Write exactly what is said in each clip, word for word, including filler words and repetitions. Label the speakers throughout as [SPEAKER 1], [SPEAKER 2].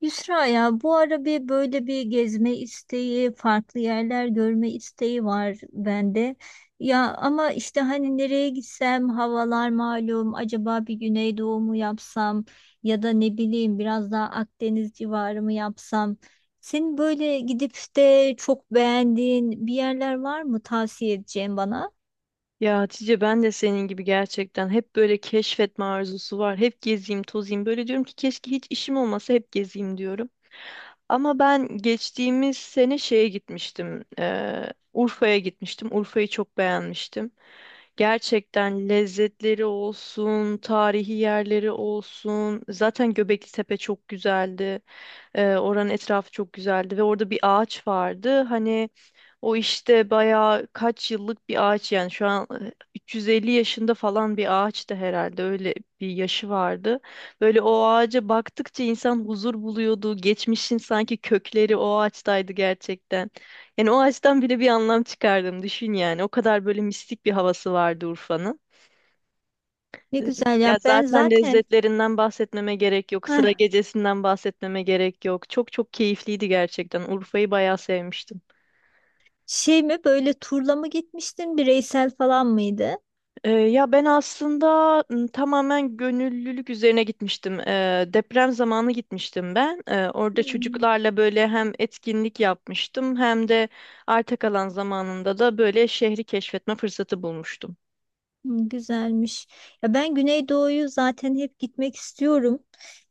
[SPEAKER 1] Yusra, ya bu ara bir böyle bir gezme isteği, farklı yerler görme isteği var bende. Ya ama işte hani nereye gitsem havalar malum, acaba bir Güneydoğu mu yapsam ya da ne bileyim biraz daha Akdeniz civarı mı yapsam. Senin böyle gidip de çok beğendiğin bir yerler var mı tavsiye edeceğin bana?
[SPEAKER 2] Ya Hatice ben de senin gibi gerçekten hep böyle keşfetme arzusu var. Hep gezeyim, tozayım. Böyle diyorum ki keşke hiç işim olmasa hep gezeyim diyorum. Ama ben geçtiğimiz sene şeye gitmiştim. eee, Urfa'ya gitmiştim. Urfa'yı çok beğenmiştim. Gerçekten lezzetleri olsun, tarihi yerleri olsun. Zaten Göbekli Tepe çok güzeldi. Ee, oranın etrafı çok güzeldi ve orada bir ağaç vardı. Hani o işte bayağı kaç yıllık bir ağaç yani şu an e, üç yüz elli yaşında falan bir ağaçtı herhalde öyle bir yaşı vardı. Böyle o ağaca baktıkça insan huzur buluyordu. Geçmişin sanki kökleri o ağaçtaydı gerçekten. Yani o ağaçtan bile bir anlam çıkardım düşün yani. O kadar böyle mistik bir havası vardı Urfa'nın.
[SPEAKER 1] Ne güzel ya,
[SPEAKER 2] Ya
[SPEAKER 1] ben
[SPEAKER 2] zaten
[SPEAKER 1] zaten
[SPEAKER 2] lezzetlerinden bahsetmeme gerek yok. Sıra
[SPEAKER 1] heh,
[SPEAKER 2] gecesinden bahsetmeme gerek yok. Çok çok keyifliydi gerçekten. Urfa'yı bayağı sevmiştim.
[SPEAKER 1] şey mi, böyle turla mı gitmiştin, bireysel falan mıydı?
[SPEAKER 2] Ee, ya ben aslında m, tamamen gönüllülük üzerine gitmiştim. Ee, deprem zamanı gitmiştim ben. Ee, orada
[SPEAKER 1] Hmm.
[SPEAKER 2] çocuklarla böyle hem etkinlik yapmıştım hem de arta kalan zamanında da böyle şehri keşfetme fırsatı bulmuştum.
[SPEAKER 1] Hı, güzelmiş. Ya ben Güneydoğu'yu zaten hep gitmek istiyorum.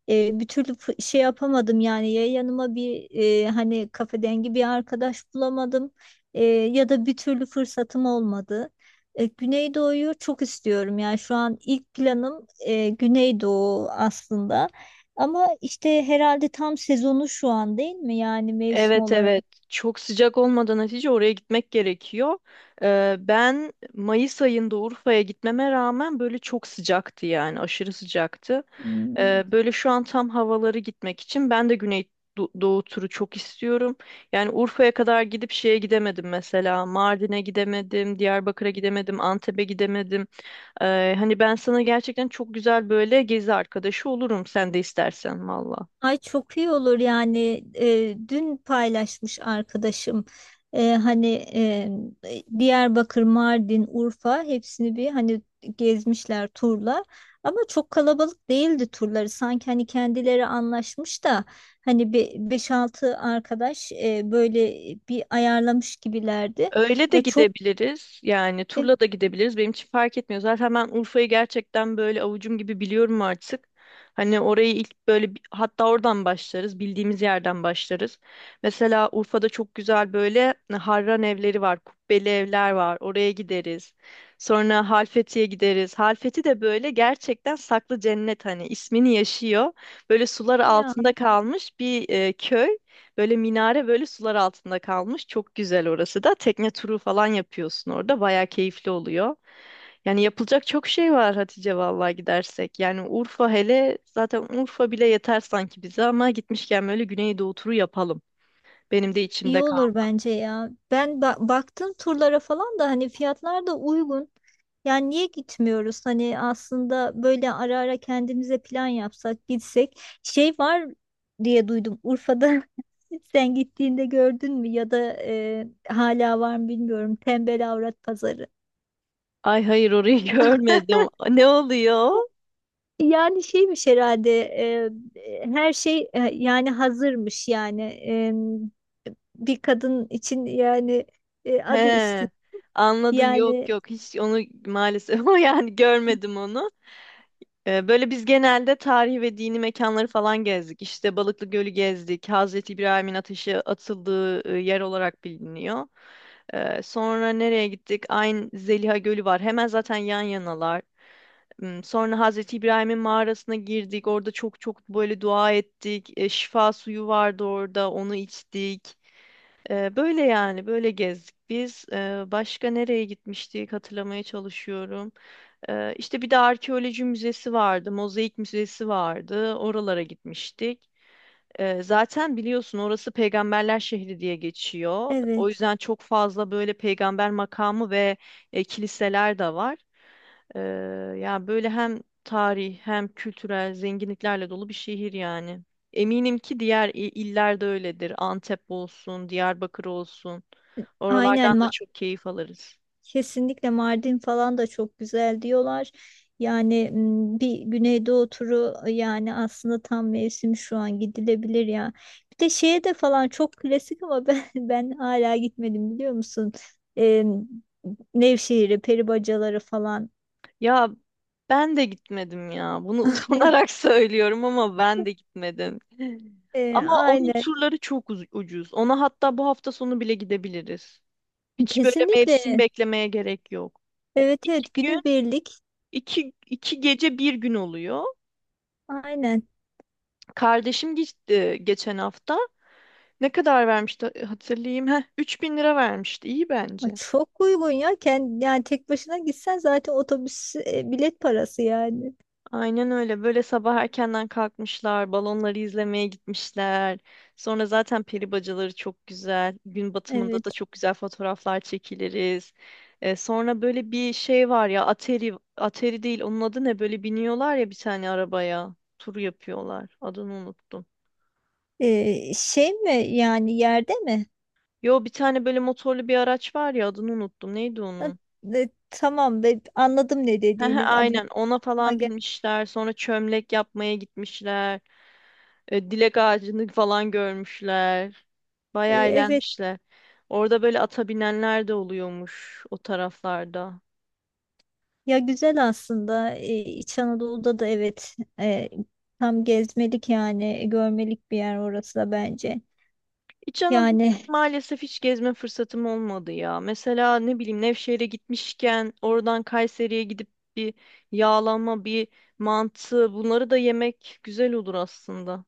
[SPEAKER 1] Ee, bir türlü fı- şey yapamadım yani, ya yanıma bir e, hani kafedengi bir arkadaş bulamadım, e, ya da bir türlü fırsatım olmadı. E, Güneydoğu'yu çok istiyorum, yani şu an ilk planım e, Güneydoğu aslında. Ama işte herhalde tam sezonu şu an değil mi yani, mevsim
[SPEAKER 2] Evet evet
[SPEAKER 1] olarak?
[SPEAKER 2] çok sıcak olmadan Hatice oraya gitmek gerekiyor. Ee, ben Mayıs ayında Urfa'ya gitmeme rağmen böyle çok sıcaktı yani aşırı sıcaktı.
[SPEAKER 1] Hmm.
[SPEAKER 2] Ee, böyle şu an tam havaları gitmek için ben de Güney Do- Doğu turu çok istiyorum. Yani Urfa'ya kadar gidip şeye gidemedim, mesela Mardin'e gidemedim, Diyarbakır'a gidemedim, Antep'e gidemedim. Ee, hani ben sana gerçekten çok güzel böyle gezi arkadaşı olurum sen de istersen valla.
[SPEAKER 1] Ay, çok iyi olur yani. Eee, dün paylaşmış arkadaşım, Eee, hani eee, Diyarbakır, Mardin, Urfa, hepsini bir hani gezmişler turla, ama çok kalabalık değildi turları, sanki hani kendileri anlaşmış da hani bir beş altı arkadaş eee, böyle bir ayarlamış gibilerdi.
[SPEAKER 2] Öyle de
[SPEAKER 1] Ya çok
[SPEAKER 2] gidebiliriz. Yani
[SPEAKER 1] e,
[SPEAKER 2] turla da gidebiliriz. Benim için fark etmiyor. Zaten ben Urfa'yı gerçekten böyle avucum gibi biliyorum artık. Hani orayı ilk böyle bi- hatta oradan başlarız. Bildiğimiz yerden başlarız. Mesela Urfa'da çok güzel böyle e, harran evleri var. Kubbeli evler var. Oraya gideriz. Sonra Halfeti'ye gideriz. Halfeti de böyle gerçekten saklı cennet, hani ismini yaşıyor. Böyle sular
[SPEAKER 1] ya
[SPEAKER 2] altında kalmış bir e, köy. Böyle minare böyle sular altında kalmış. Çok güzel orası da. Tekne turu falan yapıyorsun orada. Bayağı keyifli oluyor. Yani yapılacak çok şey var Hatice, vallahi gidersek. Yani Urfa hele, zaten Urfa bile yeter sanki bize ama gitmişken böyle Güneydoğu turu yapalım. Benim de içimde
[SPEAKER 1] İyi
[SPEAKER 2] kaldı.
[SPEAKER 1] olur bence ya. Ben ba- baktım turlara falan da, hani fiyatlar da uygun. Yani niye gitmiyoruz? Hani aslında böyle ara ara kendimize plan yapsak, gitsek. Şey var diye duydum Urfa'da. Sen gittiğinde gördün mü, ya da e, hala var mı bilmiyorum. Tembel avrat pazarı.
[SPEAKER 2] Ay hayır, orayı görmedim. Ne oluyor?
[SPEAKER 1] Yani şeymiş herhalde, e, e, her şey e, yani hazırmış yani. E, bir kadın için yani, e, adı üstü
[SPEAKER 2] He. Anladım. Yok
[SPEAKER 1] yani.
[SPEAKER 2] yok. Hiç onu maalesef yani görmedim onu. Ee, Böyle biz genelde tarihi ve dini mekanları falan gezdik. İşte Balıklı Gölü gezdik. Hazreti İbrahim'in ateşe atıldığı e, yer olarak biliniyor. Ee, Sonra nereye gittik? Ayn Zeliha Gölü var. Hemen zaten yan yanalar. Hmm. Sonra Hazreti İbrahim'in mağarasına girdik. Orada çok çok böyle dua ettik. E, şifa suyu vardı orada. Onu içtik. E, böyle yani böyle gezdik biz. E, başka nereye gitmiştik hatırlamaya çalışıyorum. E, işte bir de arkeoloji müzesi vardı. Mozaik müzesi vardı. Oralara gitmiştik. Ee, zaten biliyorsun orası peygamberler şehri diye geçiyor. O
[SPEAKER 1] Evet,
[SPEAKER 2] yüzden çok fazla böyle peygamber makamı ve e, kiliseler de var. Ee, Ya böyle hem tarih hem kültürel zenginliklerle dolu bir şehir yani. Eminim ki diğer i- iller de öyledir. Antep olsun, Diyarbakır olsun. Oralardan
[SPEAKER 1] aynen.
[SPEAKER 2] da
[SPEAKER 1] Ma-
[SPEAKER 2] çok keyif alırız.
[SPEAKER 1] kesinlikle Mardin falan da çok güzel diyorlar. Yani m, bir Güneydoğu turu, ıı, yani aslında tam mevsim şu an, gidilebilir ya. Bir de şeye de falan çok klasik ama ben, ben hala gitmedim biliyor musun? Ee, Nevşehir'e, peribacaları falan.
[SPEAKER 2] Ya ben de gitmedim ya. Bunu utanarak söylüyorum ama ben de gitmedim.
[SPEAKER 1] Ee,
[SPEAKER 2] Ama onun
[SPEAKER 1] aynen.
[SPEAKER 2] turları çok uz- ucuz. Ona hatta bu hafta sonu bile gidebiliriz. Hiç böyle mevsim
[SPEAKER 1] Kesinlikle.
[SPEAKER 2] beklemeye gerek yok.
[SPEAKER 1] Evet, evet,
[SPEAKER 2] Gün
[SPEAKER 1] günübirlik.
[SPEAKER 2] iki, iki gece bir gün oluyor.
[SPEAKER 1] Aynen.
[SPEAKER 2] Kardeşim gitti geçen hafta. Ne kadar vermişti hatırlayayım. Heh, üç bin lira vermişti. İyi
[SPEAKER 1] Ay,
[SPEAKER 2] bence.
[SPEAKER 1] çok uygun ya. Kend, yani tek başına gitsen zaten otobüs e, bilet parası yani.
[SPEAKER 2] Aynen öyle. Böyle sabah erkenden kalkmışlar, balonları izlemeye gitmişler. Sonra zaten peri bacaları çok güzel. Gün batımında
[SPEAKER 1] Evet.
[SPEAKER 2] da çok güzel fotoğraflar çekiliriz. Ee, sonra böyle bir şey var ya, Atari, Atari değil, onun adı ne? Böyle biniyorlar ya bir tane arabaya, tur yapıyorlar. Adını unuttum.
[SPEAKER 1] Ee, şey mi, yani yerde mi?
[SPEAKER 2] Yo, bir tane böyle motorlu bir araç var ya, adını unuttum. Neydi
[SPEAKER 1] Ha,
[SPEAKER 2] onun?
[SPEAKER 1] e, tamam be, anladım ne
[SPEAKER 2] Hı hı.
[SPEAKER 1] dediğini. Adı
[SPEAKER 2] Aynen ona
[SPEAKER 1] aklıma
[SPEAKER 2] falan
[SPEAKER 1] gel-
[SPEAKER 2] binmişler. Sonra çömlek yapmaya gitmişler. E, dilek ağacını falan görmüşler.
[SPEAKER 1] Ee,
[SPEAKER 2] Bayağı
[SPEAKER 1] evet.
[SPEAKER 2] eğlenmişler. Orada böyle ata binenler de oluyormuş o taraflarda.
[SPEAKER 1] Ya güzel aslında. Ee, İç Anadolu'da da evet, e, tam gezmelik yani, görmelik bir yer orası da bence.
[SPEAKER 2] İç Anadolu'yu
[SPEAKER 1] Yani
[SPEAKER 2] maalesef hiç gezme fırsatım olmadı ya. Mesela ne bileyim Nevşehir'e gitmişken oradan Kayseri'ye gidip bir yağlama, bir mantı, bunları da yemek güzel olur aslında.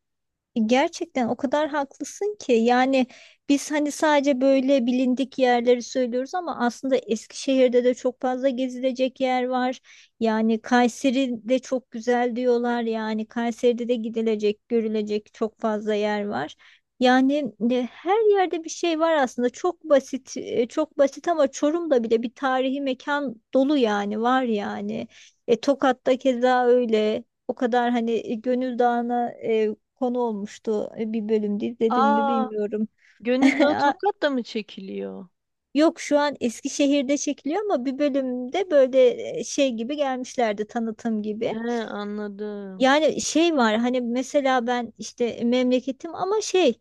[SPEAKER 1] gerçekten o kadar haklısın ki yani, biz hani sadece böyle bilindik yerleri söylüyoruz ama aslında Eskişehir'de de çok fazla gezilecek yer var. Yani Kayseri de çok güzel diyorlar, yani Kayseri'de de gidilecek, görülecek çok fazla yer var. Yani e, her yerde bir şey var aslında, çok basit, e, çok basit, ama Çorum'da bile bir tarihi mekan dolu yani, var yani. E, Tokat'ta keza öyle. O kadar hani, e, Gönül Dağı'na e, konu olmuştu. E, Bir bölümde izledin mi
[SPEAKER 2] Aa,
[SPEAKER 1] bilmiyorum.
[SPEAKER 2] Gönül Dağı
[SPEAKER 1] Aa,
[SPEAKER 2] Tokat'ta mı çekiliyor?
[SPEAKER 1] yok, şu an Eskişehir'de çekiliyor, ama bir bölümde böyle e, şey gibi gelmişlerdi, tanıtım gibi.
[SPEAKER 2] He, anladım.
[SPEAKER 1] Yani şey var hani, mesela ben işte memleketim ama şey,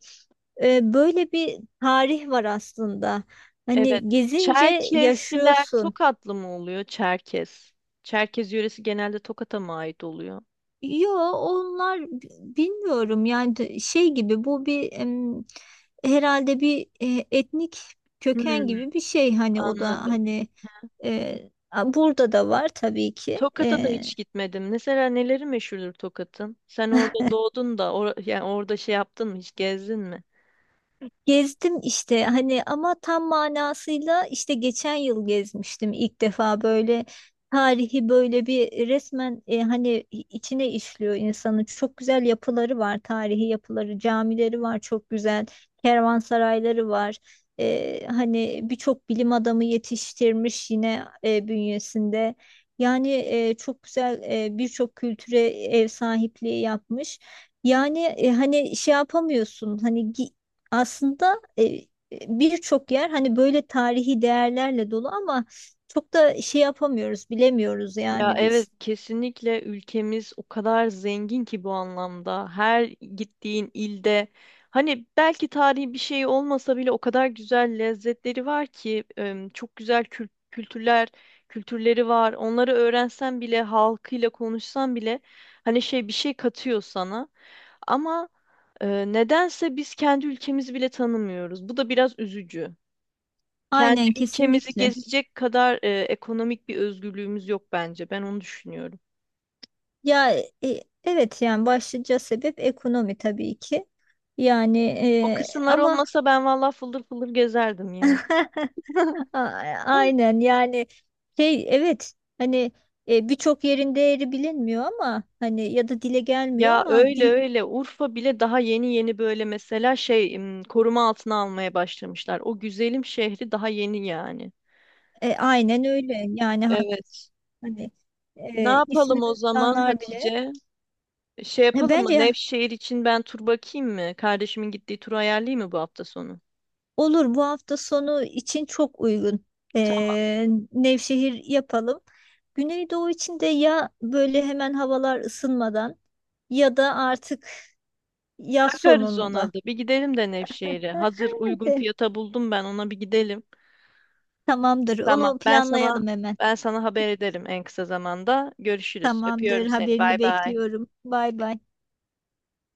[SPEAKER 1] e, böyle bir tarih var aslında.
[SPEAKER 2] Evet.
[SPEAKER 1] Hani gezince
[SPEAKER 2] Çerkezliler
[SPEAKER 1] yaşıyorsun.
[SPEAKER 2] Tokatlı mı oluyor? Çerkez. Çerkez yöresi genelde Tokat'a mı ait oluyor?
[SPEAKER 1] Yo, onlar b- bilmiyorum yani, de- şey gibi bu bir em, herhalde bir e, etnik köken
[SPEAKER 2] Hmm,
[SPEAKER 1] gibi bir şey, hani o da
[SPEAKER 2] anladım.
[SPEAKER 1] hani e, a- burada da var tabii ki.
[SPEAKER 2] Tokat'a da
[SPEAKER 1] E,
[SPEAKER 2] hiç gitmedim. Mesela neleri meşhurdur Tokat'ın? Sen orada doğdun da or yani orada şey yaptın mı? Hiç gezdin mi?
[SPEAKER 1] gezdim işte hani, ama tam manasıyla işte geçen yıl gezmiştim ilk defa, böyle tarihi böyle bir resmen, e, hani içine işliyor insanı. Çok güzel yapıları var, tarihi yapıları, camileri var çok güzel, kervansarayları var. E, hani birçok bilim adamı yetiştirmiş yine e, bünyesinde. Yani e, çok güzel, e, birçok kültüre ev sahipliği yapmış. Yani e, hani şey yapamıyorsun, hani gi- aslında e, birçok yer hani böyle tarihi değerlerle dolu, ama çok da şey yapamıyoruz, bilemiyoruz
[SPEAKER 2] Ya
[SPEAKER 1] yani
[SPEAKER 2] evet,
[SPEAKER 1] biz.
[SPEAKER 2] kesinlikle ülkemiz o kadar zengin ki bu anlamda. Her gittiğin ilde hani belki tarihi bir şey olmasa bile o kadar güzel lezzetleri var ki em, çok güzel kül- kültürler kültürleri var. Onları öğrensen bile, halkıyla konuşsan bile hani şey bir şey katıyor sana. Ama e, nedense biz kendi ülkemizi bile tanımıyoruz. Bu da biraz üzücü. Kendi
[SPEAKER 1] Aynen,
[SPEAKER 2] ülkemizi
[SPEAKER 1] kesinlikle.
[SPEAKER 2] gezecek kadar e, ekonomik bir özgürlüğümüz yok bence. Ben onu düşünüyorum.
[SPEAKER 1] Ya, e, evet yani başlıca sebep ekonomi tabii ki. Yani
[SPEAKER 2] O
[SPEAKER 1] e,
[SPEAKER 2] kısımlar
[SPEAKER 1] ama
[SPEAKER 2] olmasa ben vallahi fıldır fıldır gezerdim yani.
[SPEAKER 1] A- aynen yani, şey, evet hani e, birçok yerin değeri bilinmiyor, ama hani ya da dile gelmiyor
[SPEAKER 2] Ya
[SPEAKER 1] ama
[SPEAKER 2] öyle
[SPEAKER 1] dil,
[SPEAKER 2] öyle, Urfa bile daha yeni yeni böyle mesela şey im, koruma altına almaya başlamışlar. O güzelim şehri daha yeni yani.
[SPEAKER 1] e, aynen öyle yani.
[SPEAKER 2] Evet.
[SPEAKER 1] Hani
[SPEAKER 2] Ne
[SPEAKER 1] e,
[SPEAKER 2] yapalım
[SPEAKER 1] ismi
[SPEAKER 2] o zaman
[SPEAKER 1] duyanlar bile.
[SPEAKER 2] Hatice? Şey
[SPEAKER 1] Ya
[SPEAKER 2] yapalım mı?
[SPEAKER 1] bence
[SPEAKER 2] Nevşehir için ben tur bakayım mı? Kardeşimin gittiği turu ayarlayayım mı bu hafta sonu?
[SPEAKER 1] olur, bu hafta sonu için çok uygun.
[SPEAKER 2] Tamam,
[SPEAKER 1] E, Nevşehir yapalım. Güneydoğu için de ya böyle hemen havalar ısınmadan ya da artık yaz
[SPEAKER 2] bakarız ona
[SPEAKER 1] sonunda.
[SPEAKER 2] da. Bir gidelim de Nevşehir'e. Hazır uygun fiyata buldum, ben ona bir gidelim.
[SPEAKER 1] Tamamdır.
[SPEAKER 2] Tamam.
[SPEAKER 1] Onu
[SPEAKER 2] Ben sana
[SPEAKER 1] planlayalım hemen.
[SPEAKER 2] ben sana haber ederim en kısa zamanda. Görüşürüz.
[SPEAKER 1] Tamamdır.
[SPEAKER 2] Öpüyorum seni. Bay
[SPEAKER 1] Haberini
[SPEAKER 2] bay.
[SPEAKER 1] bekliyorum. Bay bay.